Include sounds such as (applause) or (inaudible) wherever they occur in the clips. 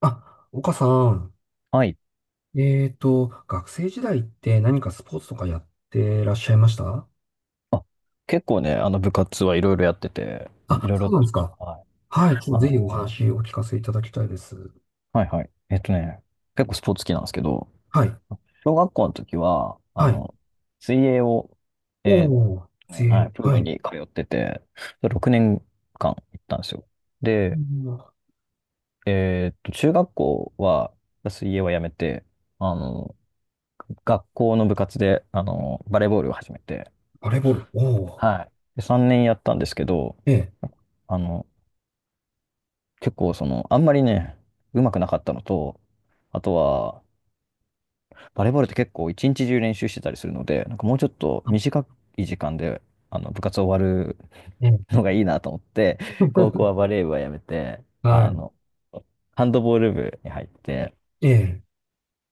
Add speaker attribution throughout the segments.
Speaker 1: あ、岡さん、
Speaker 2: はい。
Speaker 1: 学生時代って何かスポーツとかやってらっしゃいました？
Speaker 2: あ、結構ね、あの部活はいろいろやってて、い
Speaker 1: あ、
Speaker 2: ろい
Speaker 1: そう
Speaker 2: ろ、
Speaker 1: なんですか。
Speaker 2: はい。
Speaker 1: はい、ちょ
Speaker 2: あ
Speaker 1: っとぜひお
Speaker 2: の、
Speaker 1: 話をお聞かせいただきたいです。
Speaker 2: はいはい。結構スポーツ好きなんですけど、
Speaker 1: はい、
Speaker 2: 小学校の時は、
Speaker 1: はい。
Speaker 2: 水泳を、
Speaker 1: お
Speaker 2: えっ
Speaker 1: ー、
Speaker 2: はい、プー
Speaker 1: は
Speaker 2: ル
Speaker 1: い。
Speaker 2: に通ってて、6年間行ったんですよ。
Speaker 1: う
Speaker 2: で、
Speaker 1: ん。
Speaker 2: 中学校は、水泳はやめて、あの、学校の部活で、バレーボールを始めて、
Speaker 1: バレーボール、おー、
Speaker 2: はい。で、3年やったんですけど、
Speaker 1: ええ、
Speaker 2: あの、結構あんまりね、うまくなかったのと、あとは、バレーボールって結構一日中練習してたりするので、なんかもうちょっと短い時間で、部活終わる
Speaker 1: ええ、
Speaker 2: のがいいなと思って、高校は
Speaker 1: (laughs)
Speaker 2: バレー部はやめて、
Speaker 1: は
Speaker 2: あ
Speaker 1: い、
Speaker 2: の、ハンドボール部に入って、
Speaker 1: ええ、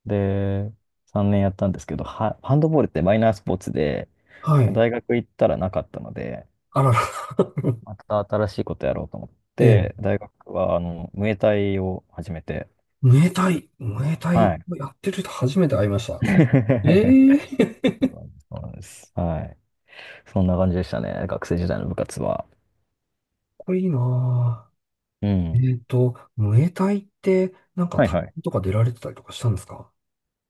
Speaker 2: で、3年やったんですけど、ハンドボールってマイナースポーツで、
Speaker 1: はい。
Speaker 2: 大学行ったらなかったので、
Speaker 1: あらら、(laughs)
Speaker 2: また新しいことやろうと思っ
Speaker 1: ええ、
Speaker 2: て、大学は、ムエタイを始めて、
Speaker 1: ムエタイ、ムエタイ
Speaker 2: はい。
Speaker 1: をやってる人初めて会いました。
Speaker 2: (laughs) そ
Speaker 1: ええ、かっ
Speaker 2: うなんです。はい。そんな感じでしたね。学生時代の部活は。
Speaker 1: こいいな
Speaker 2: う
Speaker 1: ぁ。
Speaker 2: ん。
Speaker 1: ムエタイって、なんか、
Speaker 2: はい
Speaker 1: 大
Speaker 2: はい。
Speaker 1: 会とか出られてたりとかしたんですか？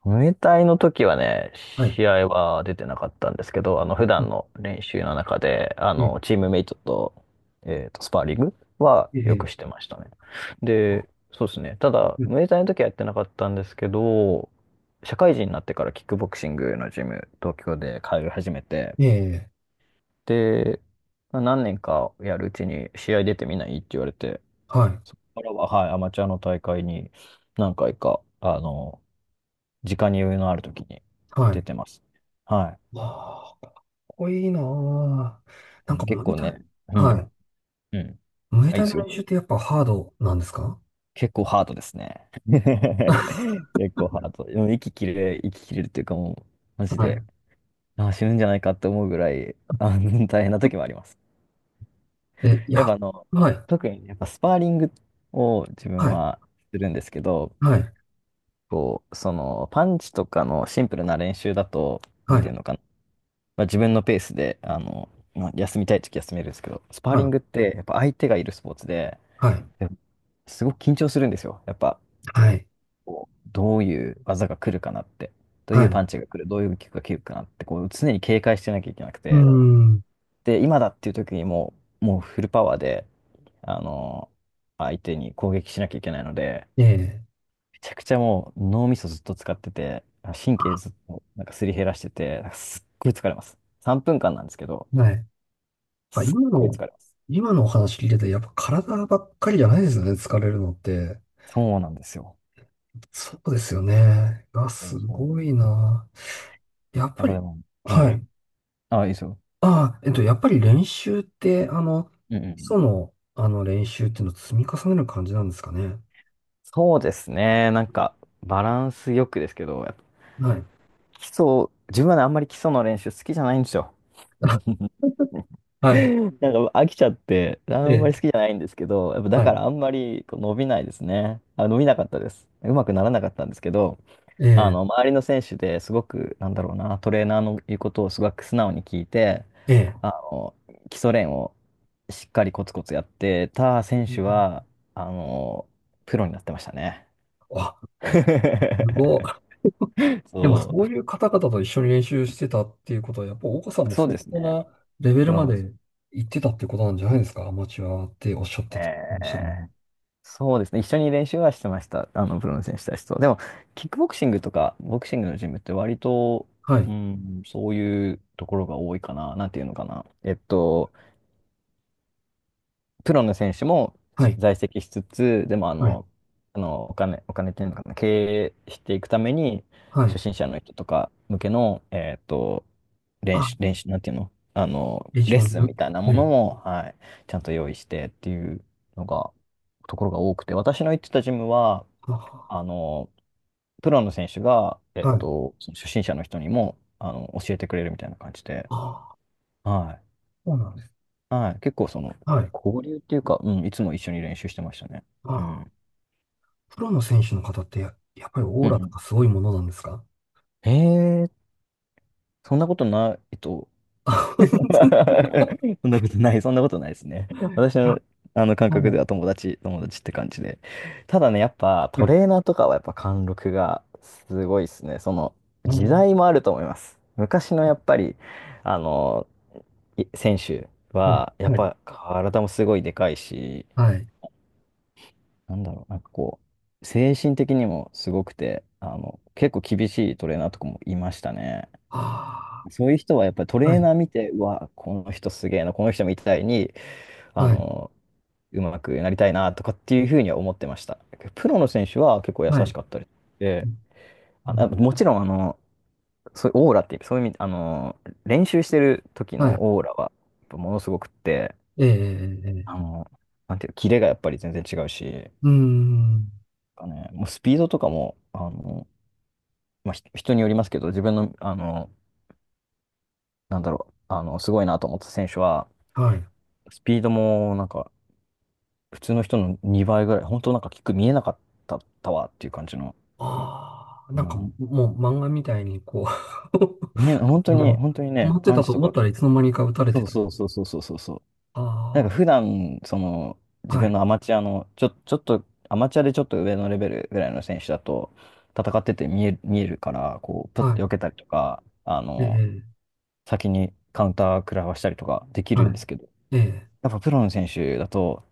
Speaker 2: ムエタイの時はね、
Speaker 1: はい。う
Speaker 2: 試合は出てなかったんですけど、普段の
Speaker 1: ん。
Speaker 2: 練習の中で、
Speaker 1: ええ、
Speaker 2: チームメイトと、スパーリングは
Speaker 1: え
Speaker 2: よ
Speaker 1: え、
Speaker 2: くしてましたね。で、そうですね。ただ、
Speaker 1: うん。
Speaker 2: ムエタイの時はやってなかったんですけど、社会人になってからキックボクシングのジム、東京で通い始めて、
Speaker 1: ええ、
Speaker 2: で、何年かやるうちに試合出てみないって言われて、
Speaker 1: はい、
Speaker 2: そこからは、はい、アマチュアの大会に何回か、時間に余裕のある時に
Speaker 1: は
Speaker 2: 出
Speaker 1: い。
Speaker 2: てます。はい。
Speaker 1: わあ、かっこいいなあ。な
Speaker 2: で
Speaker 1: ん
Speaker 2: も
Speaker 1: か、
Speaker 2: 結
Speaker 1: ムエ
Speaker 2: 構
Speaker 1: タイ、
Speaker 2: ね、う
Speaker 1: は
Speaker 2: ん、
Speaker 1: い。
Speaker 2: うん。
Speaker 1: ムエ
Speaker 2: あ、いい
Speaker 1: タイ
Speaker 2: で
Speaker 1: の
Speaker 2: すよ。
Speaker 1: 練習ってやっぱハードなんですか？
Speaker 2: 結構ハードですね。(laughs)
Speaker 1: (laughs)
Speaker 2: 結構ハード。でも息切れるっていうかもう、マジ
Speaker 1: は
Speaker 2: で、
Speaker 1: い。
Speaker 2: あ、死ぬんじゃないかって思うぐらい、大変な時もあります。
Speaker 1: え、い
Speaker 2: やっ
Speaker 1: や、
Speaker 2: ぱ
Speaker 1: はい、
Speaker 2: 特にやっぱスパーリングを自分
Speaker 1: はい、
Speaker 2: はするんですけど、
Speaker 1: はい、
Speaker 2: パンチとかのシンプルな練習だと、な
Speaker 1: は
Speaker 2: んてい
Speaker 1: い、
Speaker 2: うのかな、まあ、自分のペースで、まあ、休みたい時休めるんですけど、スパー
Speaker 1: は
Speaker 2: リン
Speaker 1: い、
Speaker 2: グってやっぱ相手がいるスポーツで、
Speaker 1: はい、
Speaker 2: やっぱすごく緊張するんですよ。やっぱ、
Speaker 1: はい、
Speaker 2: どういう技が来るかなって、どう
Speaker 1: は
Speaker 2: いう
Speaker 1: い。
Speaker 2: パンチが来る、どういうキックが来るかなって、常に警戒してなきゃいけなく
Speaker 1: うー
Speaker 2: て、
Speaker 1: ん、
Speaker 2: で、今だっていう時にもうフルパワーで、あの、相手に攻撃しなきゃいけないので、
Speaker 1: ええ、
Speaker 2: めちゃくちゃもう脳みそずっと使ってて、神経ずっとなんかすり減らしてて、なんかすっごい疲れます。3分間なんですけど、
Speaker 1: はい。やっぱ
Speaker 2: すっ
Speaker 1: 今
Speaker 2: ごい
Speaker 1: の、
Speaker 2: 疲れます。
Speaker 1: 今のお話聞いてて、やっぱ体ばっかりじゃないですよね、疲れるのって。
Speaker 2: そうなんですよ。
Speaker 1: そうですよね。
Speaker 2: そう
Speaker 1: す
Speaker 2: そう
Speaker 1: ごいな。やっ
Speaker 2: やっ
Speaker 1: ぱ
Speaker 2: ぱで
Speaker 1: り、
Speaker 2: も、う
Speaker 1: は
Speaker 2: ん。
Speaker 1: い。
Speaker 2: あ、いいですよ。
Speaker 1: ああ、やっぱり練習って、
Speaker 2: うんうんう
Speaker 1: 基礎
Speaker 2: ん。
Speaker 1: の、練習っていうのを積み重ねる感じなんですかね。
Speaker 2: そうですね。なんか、バランスよくですけど、やっぱ
Speaker 1: はい。
Speaker 2: 基礎、自分はね、あんまり基礎の練習好きじゃないんですよ。
Speaker 1: (laughs)
Speaker 2: (laughs) な
Speaker 1: はい。
Speaker 2: んか飽きちゃって、あ
Speaker 1: え
Speaker 2: んまり好き
Speaker 1: え、
Speaker 2: じゃないんですけど、やっぱだ
Speaker 1: は
Speaker 2: か
Speaker 1: い。
Speaker 2: らあんまり伸びないですね。あ、伸びなかったです。うまくならなかったんですけど、
Speaker 1: え
Speaker 2: 周りの選手ですごく、なんだろうな、トレーナーの言うことをすごく素直に聞いて、
Speaker 1: え、ええ。
Speaker 2: あの、基礎練をしっかりコツコツやってた選
Speaker 1: う
Speaker 2: 手
Speaker 1: ん。
Speaker 2: は、あの、プロになってましたね。
Speaker 1: あ、
Speaker 2: (laughs)
Speaker 1: すごい。でも、
Speaker 2: そ
Speaker 1: そ
Speaker 2: う、
Speaker 1: ういう方々と一緒に練習してたっていうことは、やっぱ、岡さんも
Speaker 2: そう
Speaker 1: 相
Speaker 2: です
Speaker 1: 当
Speaker 2: ね。
Speaker 1: なレベ
Speaker 2: プ
Speaker 1: ルま
Speaker 2: ロの、
Speaker 1: で行ってたってことなんじゃないですか。アマチュアっておっしゃってたかもしれな
Speaker 2: え
Speaker 1: い。
Speaker 2: ーそうですね。一緒に練習はしてました。プロの選手たちと。でも、キックボクシングとか、ボクシングのジムって割と、
Speaker 1: は
Speaker 2: う
Speaker 1: い。
Speaker 2: ん、そういうところが多いかな。なんていうのかな。プロの選手も
Speaker 1: はい。
Speaker 2: 在籍しつつ、でも
Speaker 1: はい。
Speaker 2: お金っていうのかな、経営していくために、
Speaker 1: は
Speaker 2: 初
Speaker 1: い。
Speaker 2: 心者の人とか向けの、
Speaker 1: あ、
Speaker 2: 練習、なんていうの
Speaker 1: レジ
Speaker 2: レッ
Speaker 1: オン
Speaker 2: スン
Speaker 1: の、
Speaker 2: みたいな
Speaker 1: え
Speaker 2: もの
Speaker 1: え、
Speaker 2: も、はい、ちゃんと用意してっていうのが、ところが多くて、私の行ってたジムは、
Speaker 1: あ、
Speaker 2: あの、プロの選手が、
Speaker 1: はい。
Speaker 2: その初心者の人にも、教えてくれるみたいな感じで、
Speaker 1: ああ、
Speaker 2: はい
Speaker 1: そうなんです。
Speaker 2: はい。結構
Speaker 1: はい。
Speaker 2: 交流っていうか、うん、いつも一緒に練習してましたね。
Speaker 1: あ
Speaker 2: う
Speaker 1: あ、
Speaker 2: ん。
Speaker 1: プロの選手の方ってやっぱりオ
Speaker 2: う
Speaker 1: ー
Speaker 2: ん
Speaker 1: ラと
Speaker 2: う
Speaker 1: かすごいものなんですか？
Speaker 2: ん。そんなことないと。
Speaker 1: あ、
Speaker 2: (laughs)
Speaker 1: (laughs)
Speaker 2: そんなことない、そんなことないですね。私の、あの感
Speaker 1: は
Speaker 2: 覚
Speaker 1: い。
Speaker 2: では友達、友達って感じで。ただね、やっぱ
Speaker 1: は
Speaker 2: ト
Speaker 1: い。
Speaker 2: レーナーとかはやっぱ貫禄がすごいですね。
Speaker 1: あ
Speaker 2: 時
Speaker 1: の
Speaker 2: 代もあると思います。昔のやっぱり、あの、い選手
Speaker 1: はい。
Speaker 2: は、やっ
Speaker 1: はい。
Speaker 2: ぱ体もすごいでかいし、
Speaker 1: はい。
Speaker 2: なんだろう、なんか精神的にもすごくて、結構厳しいトレーナーとかもいましたね。
Speaker 1: あ
Speaker 2: そういう人はやっぱりト
Speaker 1: あ、
Speaker 2: レ
Speaker 1: は
Speaker 2: ー
Speaker 1: い。
Speaker 2: ナー見て、うわ、この人すげえな、この人みたいに、あ
Speaker 1: はい。
Speaker 2: の、うまくなりたいなとかっていうふうには思ってました。プロの選手は結構優
Speaker 1: はい。う
Speaker 2: しかったりで、
Speaker 1: うん。
Speaker 2: もちろん、そういうオーラっていう、そういう意味、練習してる時
Speaker 1: は
Speaker 2: の
Speaker 1: い。
Speaker 2: オーラは、やっぱものすごくって、
Speaker 1: ええ、ええ、え
Speaker 2: あ
Speaker 1: え。
Speaker 2: の、なんていうキレがやっぱり全然違うし、なん
Speaker 1: うーん。
Speaker 2: かね、もうスピードとかも、まあ、人によりますけど、自分の、なんだろう、すごいなと思った選手は、
Speaker 1: はい。
Speaker 2: スピードも、なんか、普通の人の2倍ぐらい、本当なんか、キック見えなかったたわっていう感じの、
Speaker 1: ああ、な
Speaker 2: う
Speaker 1: んか
Speaker 2: ん、
Speaker 1: もう漫画みたいにこ
Speaker 2: 見えな、本
Speaker 1: う (laughs)
Speaker 2: 当
Speaker 1: あ
Speaker 2: に、
Speaker 1: の、
Speaker 2: 本当に
Speaker 1: 止ま
Speaker 2: ね、
Speaker 1: って
Speaker 2: パン
Speaker 1: た
Speaker 2: チ
Speaker 1: と
Speaker 2: と
Speaker 1: 思っ
Speaker 2: か
Speaker 1: た
Speaker 2: キ
Speaker 1: ら
Speaker 2: ッ
Speaker 1: いつ
Speaker 2: ク、
Speaker 1: の間にか打たれ
Speaker 2: そ
Speaker 1: て
Speaker 2: う
Speaker 1: た。
Speaker 2: そうそうそうそうそうそう。なんか、
Speaker 1: あ
Speaker 2: 普段、
Speaker 1: あ、
Speaker 2: 自
Speaker 1: は
Speaker 2: 分
Speaker 1: い。
Speaker 2: のアマチュアの、ちょっと、アマチュアでちょっと上のレベルぐらいの選手だと、戦ってて見えるから、パッ
Speaker 1: は
Speaker 2: と避
Speaker 1: い。
Speaker 2: けたりとか、
Speaker 1: ええ。
Speaker 2: 先にカウンター食らわしたりとかでき
Speaker 1: は
Speaker 2: るんですけど、
Speaker 1: い。ええ。
Speaker 2: やっぱプロの選手だと、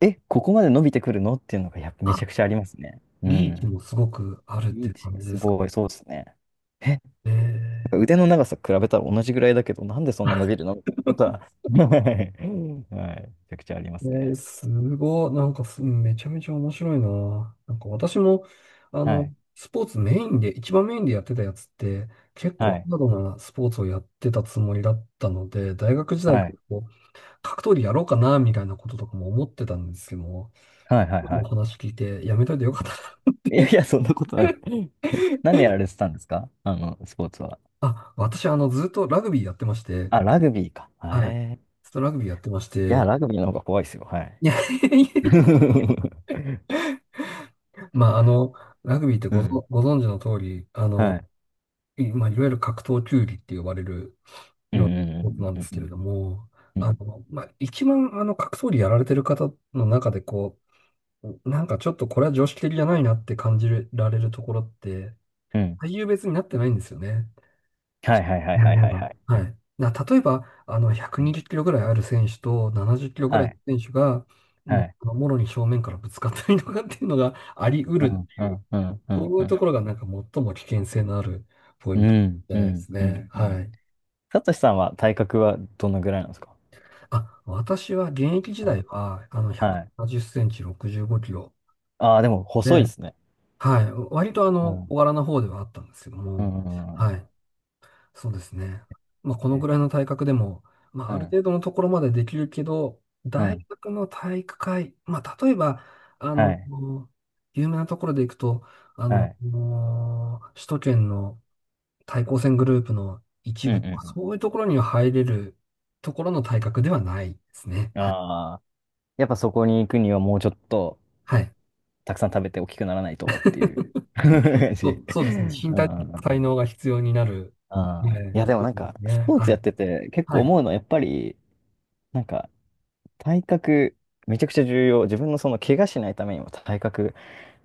Speaker 2: え、ここまで伸びてくるのっていうのがやっぱめ
Speaker 1: あ、
Speaker 2: ちゃくちゃありますね。う
Speaker 1: リーチ
Speaker 2: ん。
Speaker 1: もすごくあるって
Speaker 2: リ
Speaker 1: い
Speaker 2: ー
Speaker 1: う
Speaker 2: チ
Speaker 1: 感じ
Speaker 2: が
Speaker 1: で
Speaker 2: す
Speaker 1: すか？
Speaker 2: ごい、そうですね。え、なん
Speaker 1: え
Speaker 2: か
Speaker 1: え。
Speaker 2: 腕の長さ比べたら同じぐらいだけど、なんでそんな伸びるのみたいなことは、(laughs) はい、(laughs) はいめちゃくちゃありますね。
Speaker 1: すごい。なんかす、めちゃめちゃ面白いな。なんか私も、あ
Speaker 2: は
Speaker 1: の、
Speaker 2: い、
Speaker 1: スポーツメインで、一番メインでやってたやつって、結
Speaker 2: は
Speaker 1: 構ハ
Speaker 2: い、
Speaker 1: ードなスポーツをやってたつもりだったので、大学時代
Speaker 2: は
Speaker 1: から
Speaker 2: い、
Speaker 1: こう格闘技やろうかな、みたいなこととかも思ってたんですけども、
Speaker 2: はい、はい、
Speaker 1: 今
Speaker 2: は
Speaker 1: のお
Speaker 2: い。
Speaker 1: 話聞いてやめといてよかったな。
Speaker 2: いやいや、そんなことない。
Speaker 1: (laughs)
Speaker 2: 何やられてたんですか？スポーツは。
Speaker 1: あ、私、ずっとラグビーやってまして、
Speaker 2: あ、ラグビーか。
Speaker 1: はい。ずっとラグビーやってまし
Speaker 2: いや、
Speaker 1: て、
Speaker 2: ラグビーの方が怖いですよ。は
Speaker 1: (laughs)
Speaker 2: い。
Speaker 1: いやいやい
Speaker 2: (laughs)
Speaker 1: やまあ、ラグビーって
Speaker 2: うん。
Speaker 1: ご存知の通り、
Speaker 2: はい。
Speaker 1: まあ、いわゆる格闘球技って呼ばれる
Speaker 2: うんう
Speaker 1: スポーツ
Speaker 2: ん
Speaker 1: なん
Speaker 2: う
Speaker 1: で
Speaker 2: ん
Speaker 1: す
Speaker 2: う
Speaker 1: けれ
Speaker 2: ん
Speaker 1: ども、
Speaker 2: うんうん。うん
Speaker 1: まあ、一番、格闘技やられてる方の中で、こう、なんかちょっとこれは常識的じゃないなって感じられるところって、
Speaker 2: うん
Speaker 1: 体重別になってないんですよね。
Speaker 2: はいはいはい
Speaker 1: なる
Speaker 2: はい
Speaker 1: ほ
Speaker 2: はいは
Speaker 1: ど。
Speaker 2: い。
Speaker 1: はい。例えば、120
Speaker 2: うん
Speaker 1: キロぐらいある選手と70キロぐ
Speaker 2: は
Speaker 1: らいの
Speaker 2: い。
Speaker 1: 選手が、
Speaker 2: は
Speaker 1: もう、
Speaker 2: い。
Speaker 1: もろに正面からぶつかったりとかっていうのがあり得
Speaker 2: う
Speaker 1: るっ
Speaker 2: ん、
Speaker 1: て
Speaker 2: う
Speaker 1: いう、
Speaker 2: ん、うん、うん、
Speaker 1: そうい
Speaker 2: う
Speaker 1: うと
Speaker 2: ん。
Speaker 1: ころがなんか最も危険性のあるポイ
Speaker 2: う
Speaker 1: ント
Speaker 2: ん、
Speaker 1: じゃ
Speaker 2: う
Speaker 1: ないで
Speaker 2: ん、
Speaker 1: す
Speaker 2: うん、
Speaker 1: ね。
Speaker 2: う
Speaker 1: は
Speaker 2: ん。
Speaker 1: い。
Speaker 2: さとしさんは体格はどのぐらいなんですか？
Speaker 1: あ、私は現役時
Speaker 2: う
Speaker 1: 代
Speaker 2: ん。
Speaker 1: は、170
Speaker 2: はい。
Speaker 1: センチ、65キロ
Speaker 2: ああ、でも細い
Speaker 1: で、
Speaker 2: ですね。
Speaker 1: はい。割と
Speaker 2: うん。う
Speaker 1: 小
Speaker 2: ん、
Speaker 1: 柄な方ではあったんですけど
Speaker 2: うん、
Speaker 1: も、
Speaker 2: う
Speaker 1: は
Speaker 2: んう
Speaker 1: い。
Speaker 2: ん。
Speaker 1: そうですね。まあ、この
Speaker 2: え
Speaker 1: ぐらいの体格でも、まあ、
Speaker 2: う
Speaker 1: ある
Speaker 2: ん、
Speaker 1: 程度のところまでできるけど、
Speaker 2: う
Speaker 1: 大
Speaker 2: ん。
Speaker 1: 学の体育会、まあ、例えば、あ
Speaker 2: は
Speaker 1: の、
Speaker 2: い。
Speaker 1: 有名なところでいくと、
Speaker 2: はい。
Speaker 1: もう首都圏の対抗戦グループの一
Speaker 2: うん、う
Speaker 1: 部とか、
Speaker 2: ん、
Speaker 1: そういうところには入れるところの体格ではないですね。
Speaker 2: うん。ああ。やっぱそこに行くにはもうちょっと
Speaker 1: はい。
Speaker 2: たくさん食べて大きくならないとっていう
Speaker 1: (laughs)
Speaker 2: (laughs) 感じ。
Speaker 1: そ
Speaker 2: (laughs) う
Speaker 1: うそうですね。
Speaker 2: ん
Speaker 1: 身
Speaker 2: う
Speaker 1: 体
Speaker 2: ん
Speaker 1: 的
Speaker 2: う
Speaker 1: 才
Speaker 2: ん、
Speaker 1: 能が必要になる。はい。
Speaker 2: ああ。いや、でもなんか、
Speaker 1: ね。
Speaker 2: スポー
Speaker 1: は
Speaker 2: ツや
Speaker 1: い。
Speaker 2: ってて結
Speaker 1: は
Speaker 2: 構思
Speaker 1: い。
Speaker 2: うのは、やっぱり、なんか、体格、めちゃくちゃ重要。自分のその怪我しないためにも体格、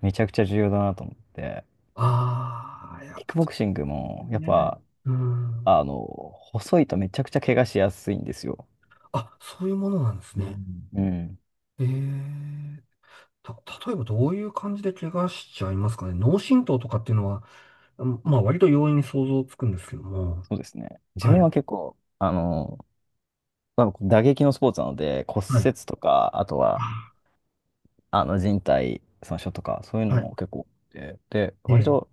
Speaker 2: めちゃくちゃ重要だなと思って、
Speaker 1: ああ、や
Speaker 2: キ
Speaker 1: っ
Speaker 2: ッ
Speaker 1: ぱ
Speaker 2: クボ
Speaker 1: そ
Speaker 2: クシング
Speaker 1: う
Speaker 2: も、
Speaker 1: で
Speaker 2: やっ
Speaker 1: すね。
Speaker 2: ぱ、
Speaker 1: うん。
Speaker 2: あの、細いとめちゃくちゃ怪我しやすいんですよ。
Speaker 1: あ、そういうものなんです
Speaker 2: う
Speaker 1: ね。
Speaker 2: んうん。
Speaker 1: ええた、例えばどういう感じで怪我しちゃいますかね。脳震盪とかっていうのは、うんまあ割と容易に想像つくんですけども。
Speaker 2: そうですね。自
Speaker 1: はい。
Speaker 2: 分は結構、まあ打撃のスポーツなので、骨
Speaker 1: はい。
Speaker 2: 折とか、あと
Speaker 1: あ、
Speaker 2: は、靭帯損傷とか、そういうの
Speaker 1: はい。
Speaker 2: も結構多くて、で、割
Speaker 1: え
Speaker 2: と、
Speaker 1: え。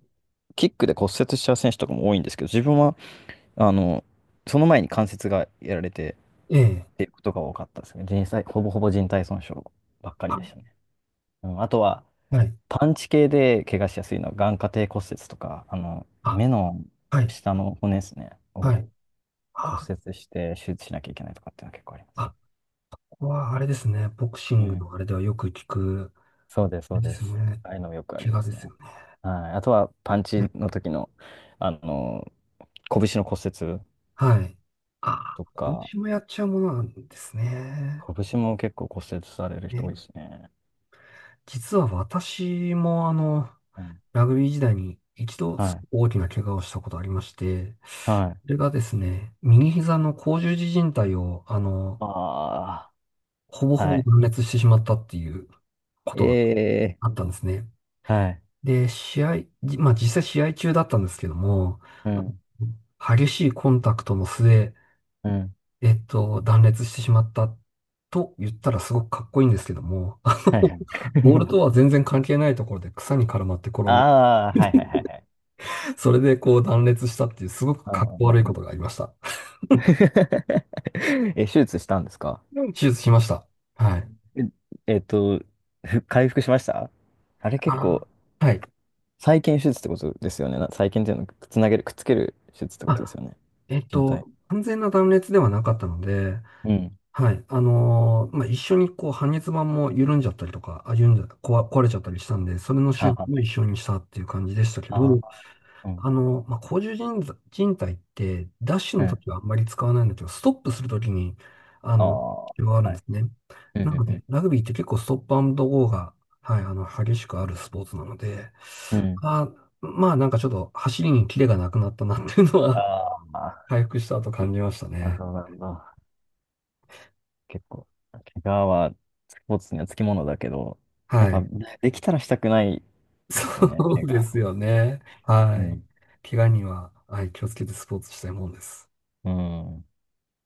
Speaker 2: キックで骨折しちゃう選手とかも多いんですけど、自分は、あの、その前に関節がやられて、
Speaker 1: ええ。
Speaker 2: ていうことが多かったですね。人体、ほぼほぼ人体損傷ばっかりでしたね。うん、あとは、
Speaker 1: はい。
Speaker 2: パンチ系で怪我しやすいのは眼下底骨折とか、
Speaker 1: あ、
Speaker 2: 目の
Speaker 1: はい、
Speaker 2: 下の骨ですね、
Speaker 1: は
Speaker 2: を
Speaker 1: い。
Speaker 2: 骨
Speaker 1: あ、
Speaker 2: 折して手術しなきゃいけないとかっていうのは結構あります。
Speaker 1: あ、ここはあれですね。ボクシ
Speaker 2: う
Speaker 1: ングの
Speaker 2: ん。
Speaker 1: あれではよく聞く、
Speaker 2: そうです、
Speaker 1: あ
Speaker 2: そ
Speaker 1: れ
Speaker 2: う
Speaker 1: で
Speaker 2: で
Speaker 1: す
Speaker 2: す。
Speaker 1: ね。
Speaker 2: ああいうのもよくあり
Speaker 1: 怪
Speaker 2: ま
Speaker 1: 我で
Speaker 2: す
Speaker 1: す
Speaker 2: ね。
Speaker 1: よ
Speaker 2: はい。あとは、パン
Speaker 1: ね。
Speaker 2: チ
Speaker 1: ね。
Speaker 2: の時の、あの、拳の骨折
Speaker 1: はい。あ、
Speaker 2: とか、
Speaker 1: 拳もやっちゃうものなんですね。
Speaker 2: 拳も結構骨折される人
Speaker 1: ね、
Speaker 2: 多いですね。
Speaker 1: 実は私も
Speaker 2: うん。
Speaker 1: ラグビー時代に一度
Speaker 2: は
Speaker 1: す
Speaker 2: い。
Speaker 1: ごく大きな怪我をしたことありまして、
Speaker 2: はい。
Speaker 1: それがですね、右膝の甲状肢靭帯を、
Speaker 2: あ
Speaker 1: ほぼ
Speaker 2: あ、
Speaker 1: ほぼ
Speaker 2: はい。
Speaker 1: 断裂してしまったっていうことが
Speaker 2: え
Speaker 1: あったんですね。
Speaker 2: はい。
Speaker 1: で、試合、じまあ実際試合中だったんですけども、
Speaker 2: うん。
Speaker 1: 激しいコンタクトの末、
Speaker 2: うん。
Speaker 1: 断裂してしまったと言ったらすごくかっこいいんですけども、
Speaker 2: はいはい。
Speaker 1: ボールと
Speaker 2: (laughs)
Speaker 1: は全然関係ないところで草に絡まって転んで、
Speaker 2: ああ、はいはいはいはい。
Speaker 1: それでこう断裂したっていうすごく
Speaker 2: うん
Speaker 1: かっ
Speaker 2: う
Speaker 1: こ
Speaker 2: んう
Speaker 1: 悪いこと
Speaker 2: ん
Speaker 1: がありました。
Speaker 2: (laughs) え、手術したんですか？
Speaker 1: 手術しました。はい。
Speaker 2: え、えっと、回復しました？あれ結
Speaker 1: あ、
Speaker 2: 構、
Speaker 1: はい。
Speaker 2: 再建手術ってことですよね。再建っていうのつなげる、くっつける手術ってことです
Speaker 1: あ、
Speaker 2: よね。人体。
Speaker 1: 完全な断裂ではなかったので、
Speaker 2: うん。
Speaker 1: はい。まあ、一緒にこう、半月板も緩んじゃったりとか、あ、緩んじゃ、壊、壊れちゃったりしたんで、それの
Speaker 2: は
Speaker 1: 修
Speaker 2: あ
Speaker 1: 復も
Speaker 2: は
Speaker 1: 一緒にしたっていう感じでしたけど、
Speaker 2: ああ、うん。
Speaker 1: まあ、甲冑人人体って、ダッシュ
Speaker 2: う
Speaker 1: の
Speaker 2: ん。
Speaker 1: 時はあんまり使わないんだけど、ストップする時に、あ
Speaker 2: あ
Speaker 1: の、
Speaker 2: あ、
Speaker 1: 必要があるん
Speaker 2: は
Speaker 1: で
Speaker 2: い。
Speaker 1: すね。
Speaker 2: うん
Speaker 1: なの
Speaker 2: う
Speaker 1: で、
Speaker 2: ん
Speaker 1: ラグビーって結構ストップアンドゴーが、はい、激しくあるスポーツなので、
Speaker 2: うん。うん。
Speaker 1: あ、まあ、なんかちょっと走りにキレがなくなったなっていうのは、
Speaker 2: あ
Speaker 1: (laughs) 回復した後感じました
Speaker 2: あ、なる
Speaker 1: ね。
Speaker 2: ほど、なるほど。結構、怪我はスポーツにはつきものだけど、や
Speaker 1: は
Speaker 2: っぱ
Speaker 1: い。
Speaker 2: できたらしたくないですよね、
Speaker 1: そ
Speaker 2: 怪
Speaker 1: うです
Speaker 2: 我。
Speaker 1: よね。
Speaker 2: う
Speaker 1: はい。
Speaker 2: ん。
Speaker 1: 怪我には、はい、気をつけてスポーツしたいもんです。
Speaker 2: うん。